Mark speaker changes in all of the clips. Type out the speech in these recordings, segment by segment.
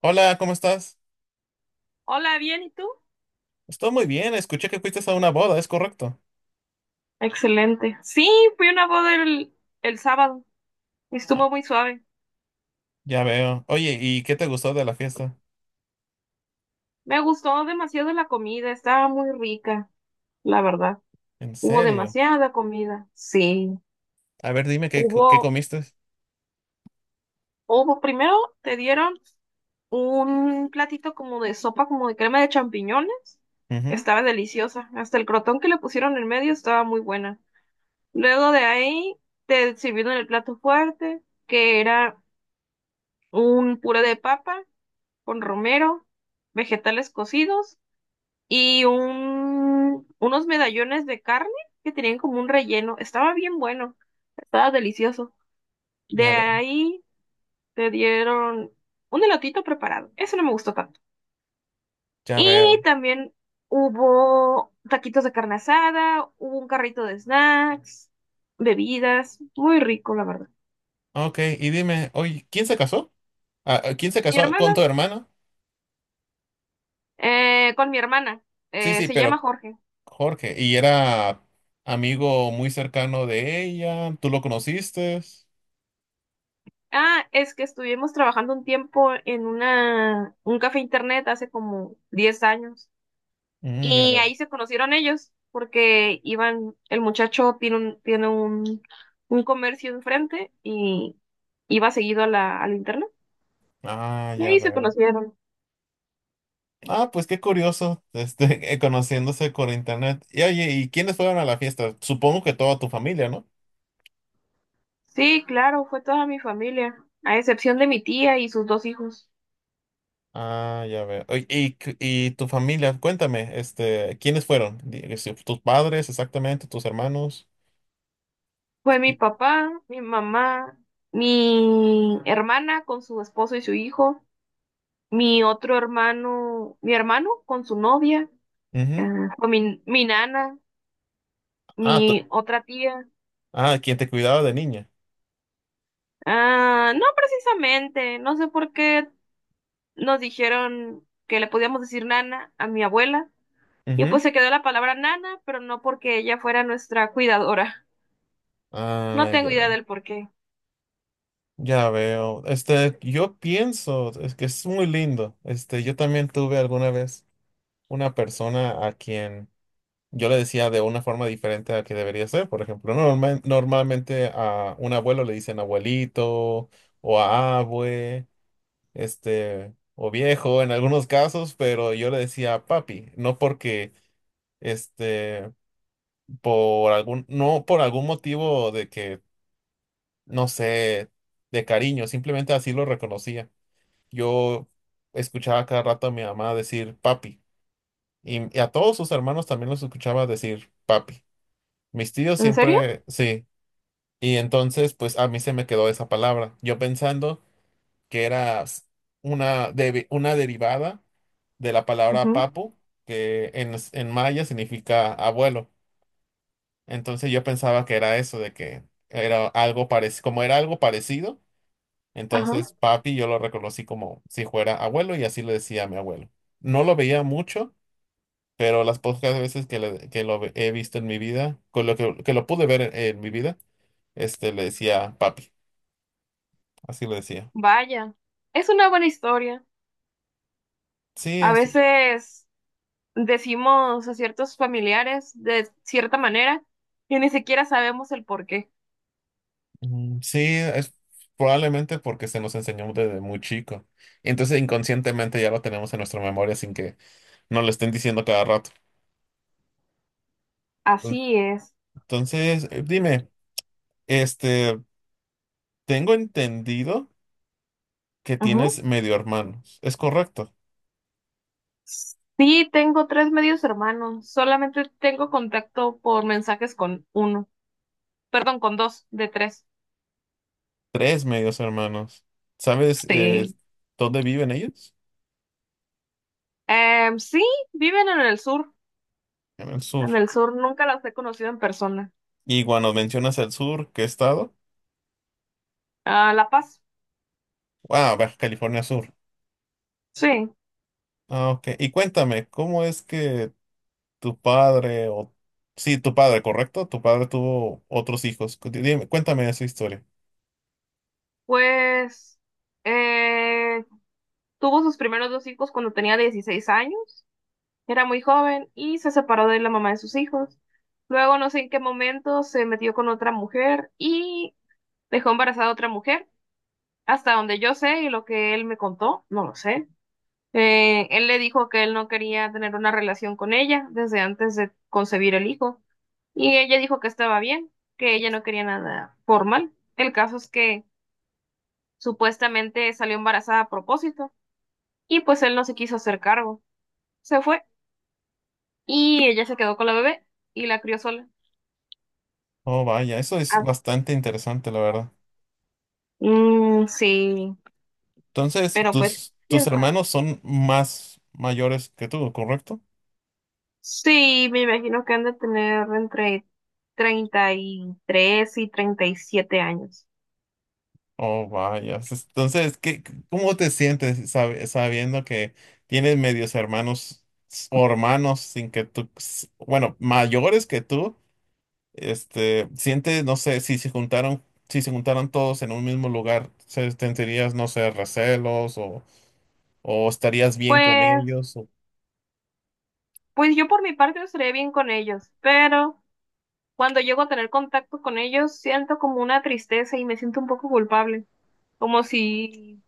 Speaker 1: Hola, ¿cómo estás?
Speaker 2: Hola, bien, ¿y tú?
Speaker 1: Estoy muy bien, escuché que fuiste a una boda, ¿es correcto?
Speaker 2: Excelente. Sí, fui a una boda el sábado y
Speaker 1: Ah,
Speaker 2: estuvo muy suave.
Speaker 1: ya veo. Oye, ¿y qué te gustó de la fiesta?
Speaker 2: Me gustó demasiado la comida, estaba muy rica, la verdad.
Speaker 1: ¿En
Speaker 2: Hubo
Speaker 1: serio?
Speaker 2: demasiada comida. Sí,
Speaker 1: A ver, dime qué
Speaker 2: hubo,
Speaker 1: comiste.
Speaker 2: hubo, primero te dieron un platito como de sopa, como de crema de champiñones.
Speaker 1: Ujú.
Speaker 2: Estaba deliciosa. Hasta el crotón que le pusieron en medio estaba muy buena. Luego de ahí te sirvieron el plato fuerte, que era un puré de papa con romero, vegetales cocidos y unos medallones de carne que tenían como un relleno. Estaba bien bueno, estaba delicioso.
Speaker 1: Ya
Speaker 2: De
Speaker 1: veo,
Speaker 2: ahí te dieron un elotito preparado. Eso no me gustó tanto.
Speaker 1: ya veo.
Speaker 2: Y también hubo taquitos de carne asada, hubo un carrito de snacks, bebidas. Muy rico, la verdad.
Speaker 1: Ok, y dime, oye, ¿quién se casó? Ah, ¿quién se
Speaker 2: Mi
Speaker 1: casó con
Speaker 2: hermana,
Speaker 1: tu hermano?
Speaker 2: con mi hermana,
Speaker 1: Sí, sí,
Speaker 2: se llama
Speaker 1: pero
Speaker 2: Jorge.
Speaker 1: Jorge, ¿y era amigo muy cercano de ella? ¿Tú lo conociste?
Speaker 2: Ah, es que estuvimos trabajando un tiempo en un café internet hace como 10 años
Speaker 1: Mm, ya
Speaker 2: y
Speaker 1: veo.
Speaker 2: ahí se conocieron ellos porque iban, el muchacho tiene un comercio enfrente y iba seguido a la, al internet
Speaker 1: Ah,
Speaker 2: y
Speaker 1: ya
Speaker 2: ahí se
Speaker 1: veo.
Speaker 2: conocieron.
Speaker 1: Ah, pues qué curioso, este, conociéndose por internet. Y oye, ¿y quiénes fueron a la fiesta? Supongo que toda tu familia, ¿no?
Speaker 2: Sí, claro, fue toda mi familia, a excepción de mi tía y sus dos hijos.
Speaker 1: Ah, ya veo. Oye, y tu familia, cuéntame, este, ¿quiénes fueron? Di- si ¿Tus padres exactamente? ¿Tus hermanos?
Speaker 2: Fue mi
Speaker 1: Y-
Speaker 2: papá, mi mamá, mi hermana con su esposo y su hijo. Mi otro hermano, mi hermano con su novia,
Speaker 1: ujú.
Speaker 2: ah, con mi nana,
Speaker 1: Ah, tú-
Speaker 2: mi otra tía.
Speaker 1: ah, quien te cuidaba de niña.
Speaker 2: Ah, no precisamente, no sé por qué nos dijeron que le podíamos decir nana a mi abuela. Y
Speaker 1: Ujú.
Speaker 2: pues se quedó la palabra nana, pero no porque ella fuera nuestra cuidadora. No
Speaker 1: Ah,
Speaker 2: tengo
Speaker 1: ya
Speaker 2: idea
Speaker 1: veo.
Speaker 2: del por qué.
Speaker 1: Ya veo. Este, yo pienso, es que es muy lindo. Este, yo también tuve alguna vez una persona a quien yo le decía de una forma diferente a que debería ser. Por ejemplo, normalmente a un abuelo le dicen abuelito o a abue, este, o viejo en algunos casos, pero yo le decía papi, no porque, este, no por algún motivo de que, no sé, de cariño, simplemente así lo reconocía. Yo escuchaba cada rato a mi mamá decir papi y a todos sus hermanos también los escuchaba decir papi. Mis tíos
Speaker 2: ¿En serio?
Speaker 1: siempre, sí. Y entonces, pues a mí se me quedó esa palabra. Yo pensando que era una derivada de la palabra
Speaker 2: Ujú.
Speaker 1: papu, que en maya significa abuelo. Entonces yo pensaba que era eso, de que era algo parecido, como era algo parecido,
Speaker 2: Ajá.
Speaker 1: entonces papi yo lo reconocí como si fuera abuelo y así le decía a mi abuelo. No lo veía mucho, pero las pocas veces que he visto en mi vida, con que lo pude ver en mi vida, este le decía papi, así le decía.
Speaker 2: Vaya. Es una buena historia.
Speaker 1: Sí,
Speaker 2: A
Speaker 1: es-
Speaker 2: veces, decimos a ciertos familiares de cierta manera y ni siquiera sabemos el por qué.
Speaker 1: mm, sí, es probablemente porque se nos enseñó desde muy chico. Y entonces inconscientemente ya lo tenemos en nuestra memoria sin que nos lo estén diciendo cada rato. Ent-
Speaker 2: Así es.
Speaker 1: Entonces, dime, este, tengo entendido que
Speaker 2: Ujú.
Speaker 1: tienes medio hermanos. ¿Es correcto?
Speaker 2: Sí, tengo tres medios hermanos. Solamente tengo contacto por mensajes con uno. Perdón, con dos de tres.
Speaker 1: Tres medios hermanos. ¿Sabes
Speaker 2: Sí.
Speaker 1: dónde viven ellos?
Speaker 2: Sí, viven en el sur.
Speaker 1: En el
Speaker 2: En
Speaker 1: sur.
Speaker 2: el sur nunca las he conocido en persona.
Speaker 1: Y cuando mencionas el sur, ¿qué estado?
Speaker 2: Ah, La Paz.
Speaker 1: Wow, Baja California Sur.
Speaker 2: Sí.
Speaker 1: Ah, ok. Y cuéntame, ¿cómo es que tu padre, o... sí, tu padre, ¿correcto? Tu padre tuvo otros hijos. Dime, cuéntame esa historia.
Speaker 2: Pues, eh, tuvo sus primeros dos hijos cuando tenía 16 años. Era muy joven y se separó de la mamá de sus hijos. Luego, no sé en qué momento, se metió con otra mujer y dejó embarazada a otra mujer. Hasta donde yo sé y lo que él me contó, no lo sé. Él le dijo que él no quería tener una relación con ella desde antes de concebir el hijo. Y ella dijo que estaba bien, que ella no quería nada formal. El caso es que supuestamente salió embarazada a propósito y pues él no se quiso hacer cargo. Se fue y ella se quedó con la bebé y la crió sola.
Speaker 1: Oh, vaya, eso es bastante interesante, la verdad.
Speaker 2: Mm, sí,
Speaker 1: Entonces,
Speaker 2: pero pues, ya
Speaker 1: tus
Speaker 2: está.
Speaker 1: hermanos son más mayores que tú, ¿correcto?
Speaker 2: Sí, me imagino que han de tener entre 33 y 37 años.
Speaker 1: Oh, vaya. Entonces, qué, ¿cómo te sientes sabiendo que tienes medios hermanos o hermanos sin que tú, bueno, mayores que tú? Este, siente, no sé, si se juntaron todos en un mismo lugar, ¿sentirías, no sé, recelos o estarías bien con
Speaker 2: Pues,
Speaker 1: ellos?
Speaker 2: pues, yo por mi parte estaré bien con ellos, pero cuando llego a tener contacto con ellos siento como una tristeza y me siento un poco culpable, como si,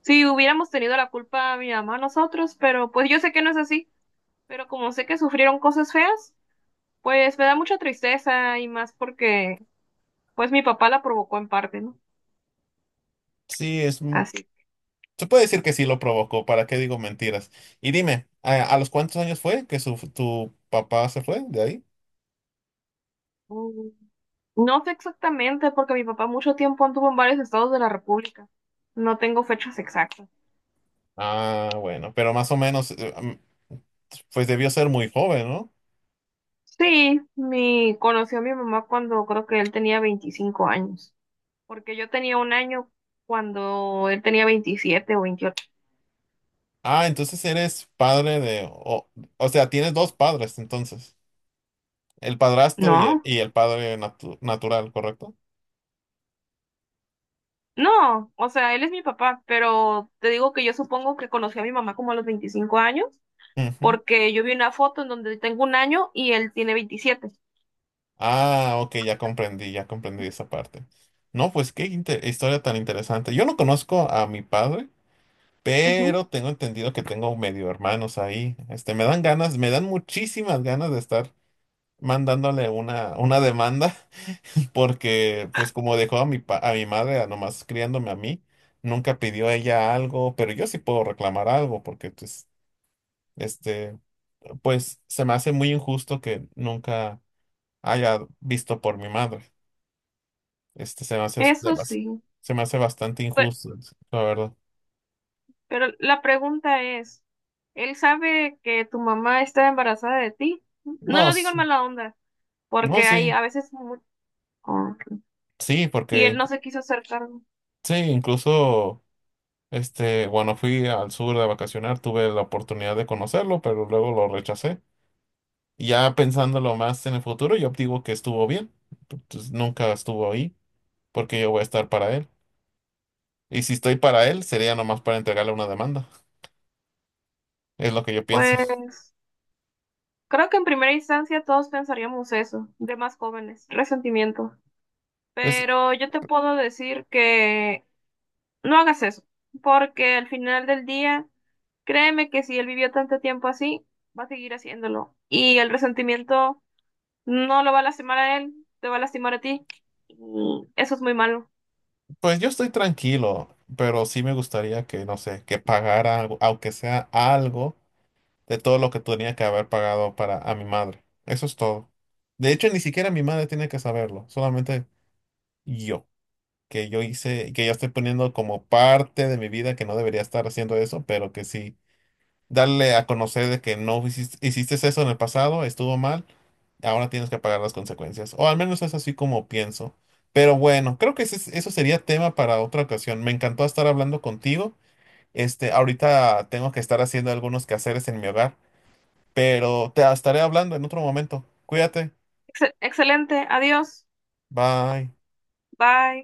Speaker 2: si hubiéramos tenido la culpa mi mamá, nosotros, pero pues yo sé que no es así, pero como sé que sufrieron cosas feas, pues me da mucha tristeza y más porque pues mi papá la provocó en parte, ¿no?
Speaker 1: Sí,
Speaker 2: Así.
Speaker 1: se puede decir que sí lo provocó, ¿para qué digo mentiras? Y dime, ¿ a los cuántos años fue que tu papá se fue de ahí?
Speaker 2: mm, No sé exactamente, porque mi papá mucho tiempo anduvo en varios estados de la República. No tengo fechas exactas.
Speaker 1: Ah, bueno, pero más o menos, pues debió ser muy joven, ¿no?
Speaker 2: Sí, conoció a mi mamá cuando creo que él tenía 25 años, porque yo tenía 1 año cuando él tenía 27 o 28.
Speaker 1: Ah, entonces eres padre de, o sea, tienes dos padres, entonces. El padrastro
Speaker 2: No,
Speaker 1: y el padre natural, ¿correcto?
Speaker 2: no, o sea, él es mi papá, pero te digo que yo supongo que conocí a mi mamá como a los 25 años,
Speaker 1: Ujú.
Speaker 2: porque yo vi una foto en donde tengo 1 año y él tiene 27.
Speaker 1: Ah, ok, ya comprendí esa parte. No, pues qué historia tan interesante. Yo no conozco a mi padre,
Speaker 2: Ujú.
Speaker 1: pero tengo entendido que tengo medio hermanos ahí. Este, me dan ganas, me dan muchísimas ganas de estar una demanda, porque pues como dejó a a mi madre a nomás criándome a mí, nunca pidió ella algo, pero yo sí puedo reclamar algo, porque pues, este, pues se me hace muy injusto que nunca haya visto por mi madre. Este,
Speaker 2: Eso sí.
Speaker 1: se me hace bastante
Speaker 2: Pe-
Speaker 1: injusto, la verdad.
Speaker 2: Pero, la pregunta es, ¿él sabe que tu mamá está embarazada de ti? No
Speaker 1: No,
Speaker 2: lo digo
Speaker 1: s-
Speaker 2: en mala onda,
Speaker 1: no,
Speaker 2: porque hay
Speaker 1: sí,
Speaker 2: a veces. Oh, ok.
Speaker 1: sí,
Speaker 2: Y él
Speaker 1: porque
Speaker 2: no se quiso hacer cargo.
Speaker 1: sí, incluso, este, cuando fui al sur de vacacionar, tuve la oportunidad de conocerlo, pero luego lo rechacé. Y ya pensándolo más en el futuro, yo digo que estuvo bien. Pues, nunca estuvo ahí, porque yo voy a estar para él. Y si estoy para él, sería nomás para entregarle una demanda. Es lo que yo pienso.
Speaker 2: Pues creo que en primera instancia todos pensaríamos eso, de más jóvenes, resentimiento.
Speaker 1: Pues,
Speaker 2: Pero yo te puedo decir que no hagas eso, porque al final del día, créeme que si él vivió tanto tiempo así, va a seguir haciéndolo. Y el resentimiento. No lo va a lastimar a él, te va a lastimar a ti. Mm, eso es muy malo.
Speaker 1: pues yo estoy tranquilo, pero sí me gustaría que, no sé, que pagara algo, aunque sea algo de todo lo que tenía que haber pagado para a mi madre. Eso es todo. De hecho, ni siquiera mi madre tiene que saberlo, solamente yo, que yo hice, que ya estoy poniendo como parte de mi vida que no debería estar haciendo eso, pero que sí. Darle a conocer de que no hiciste eso en el pasado, estuvo mal, ahora tienes que pagar las consecuencias. O al menos es así como pienso. Pero bueno, creo que eso sería tema para otra ocasión. Me encantó estar hablando contigo. Este, ahorita tengo que estar haciendo algunos quehaceres en mi hogar, pero te estaré hablando en otro momento. Cuídate.
Speaker 2: Excelente, adiós,
Speaker 1: Bye.
Speaker 2: bye.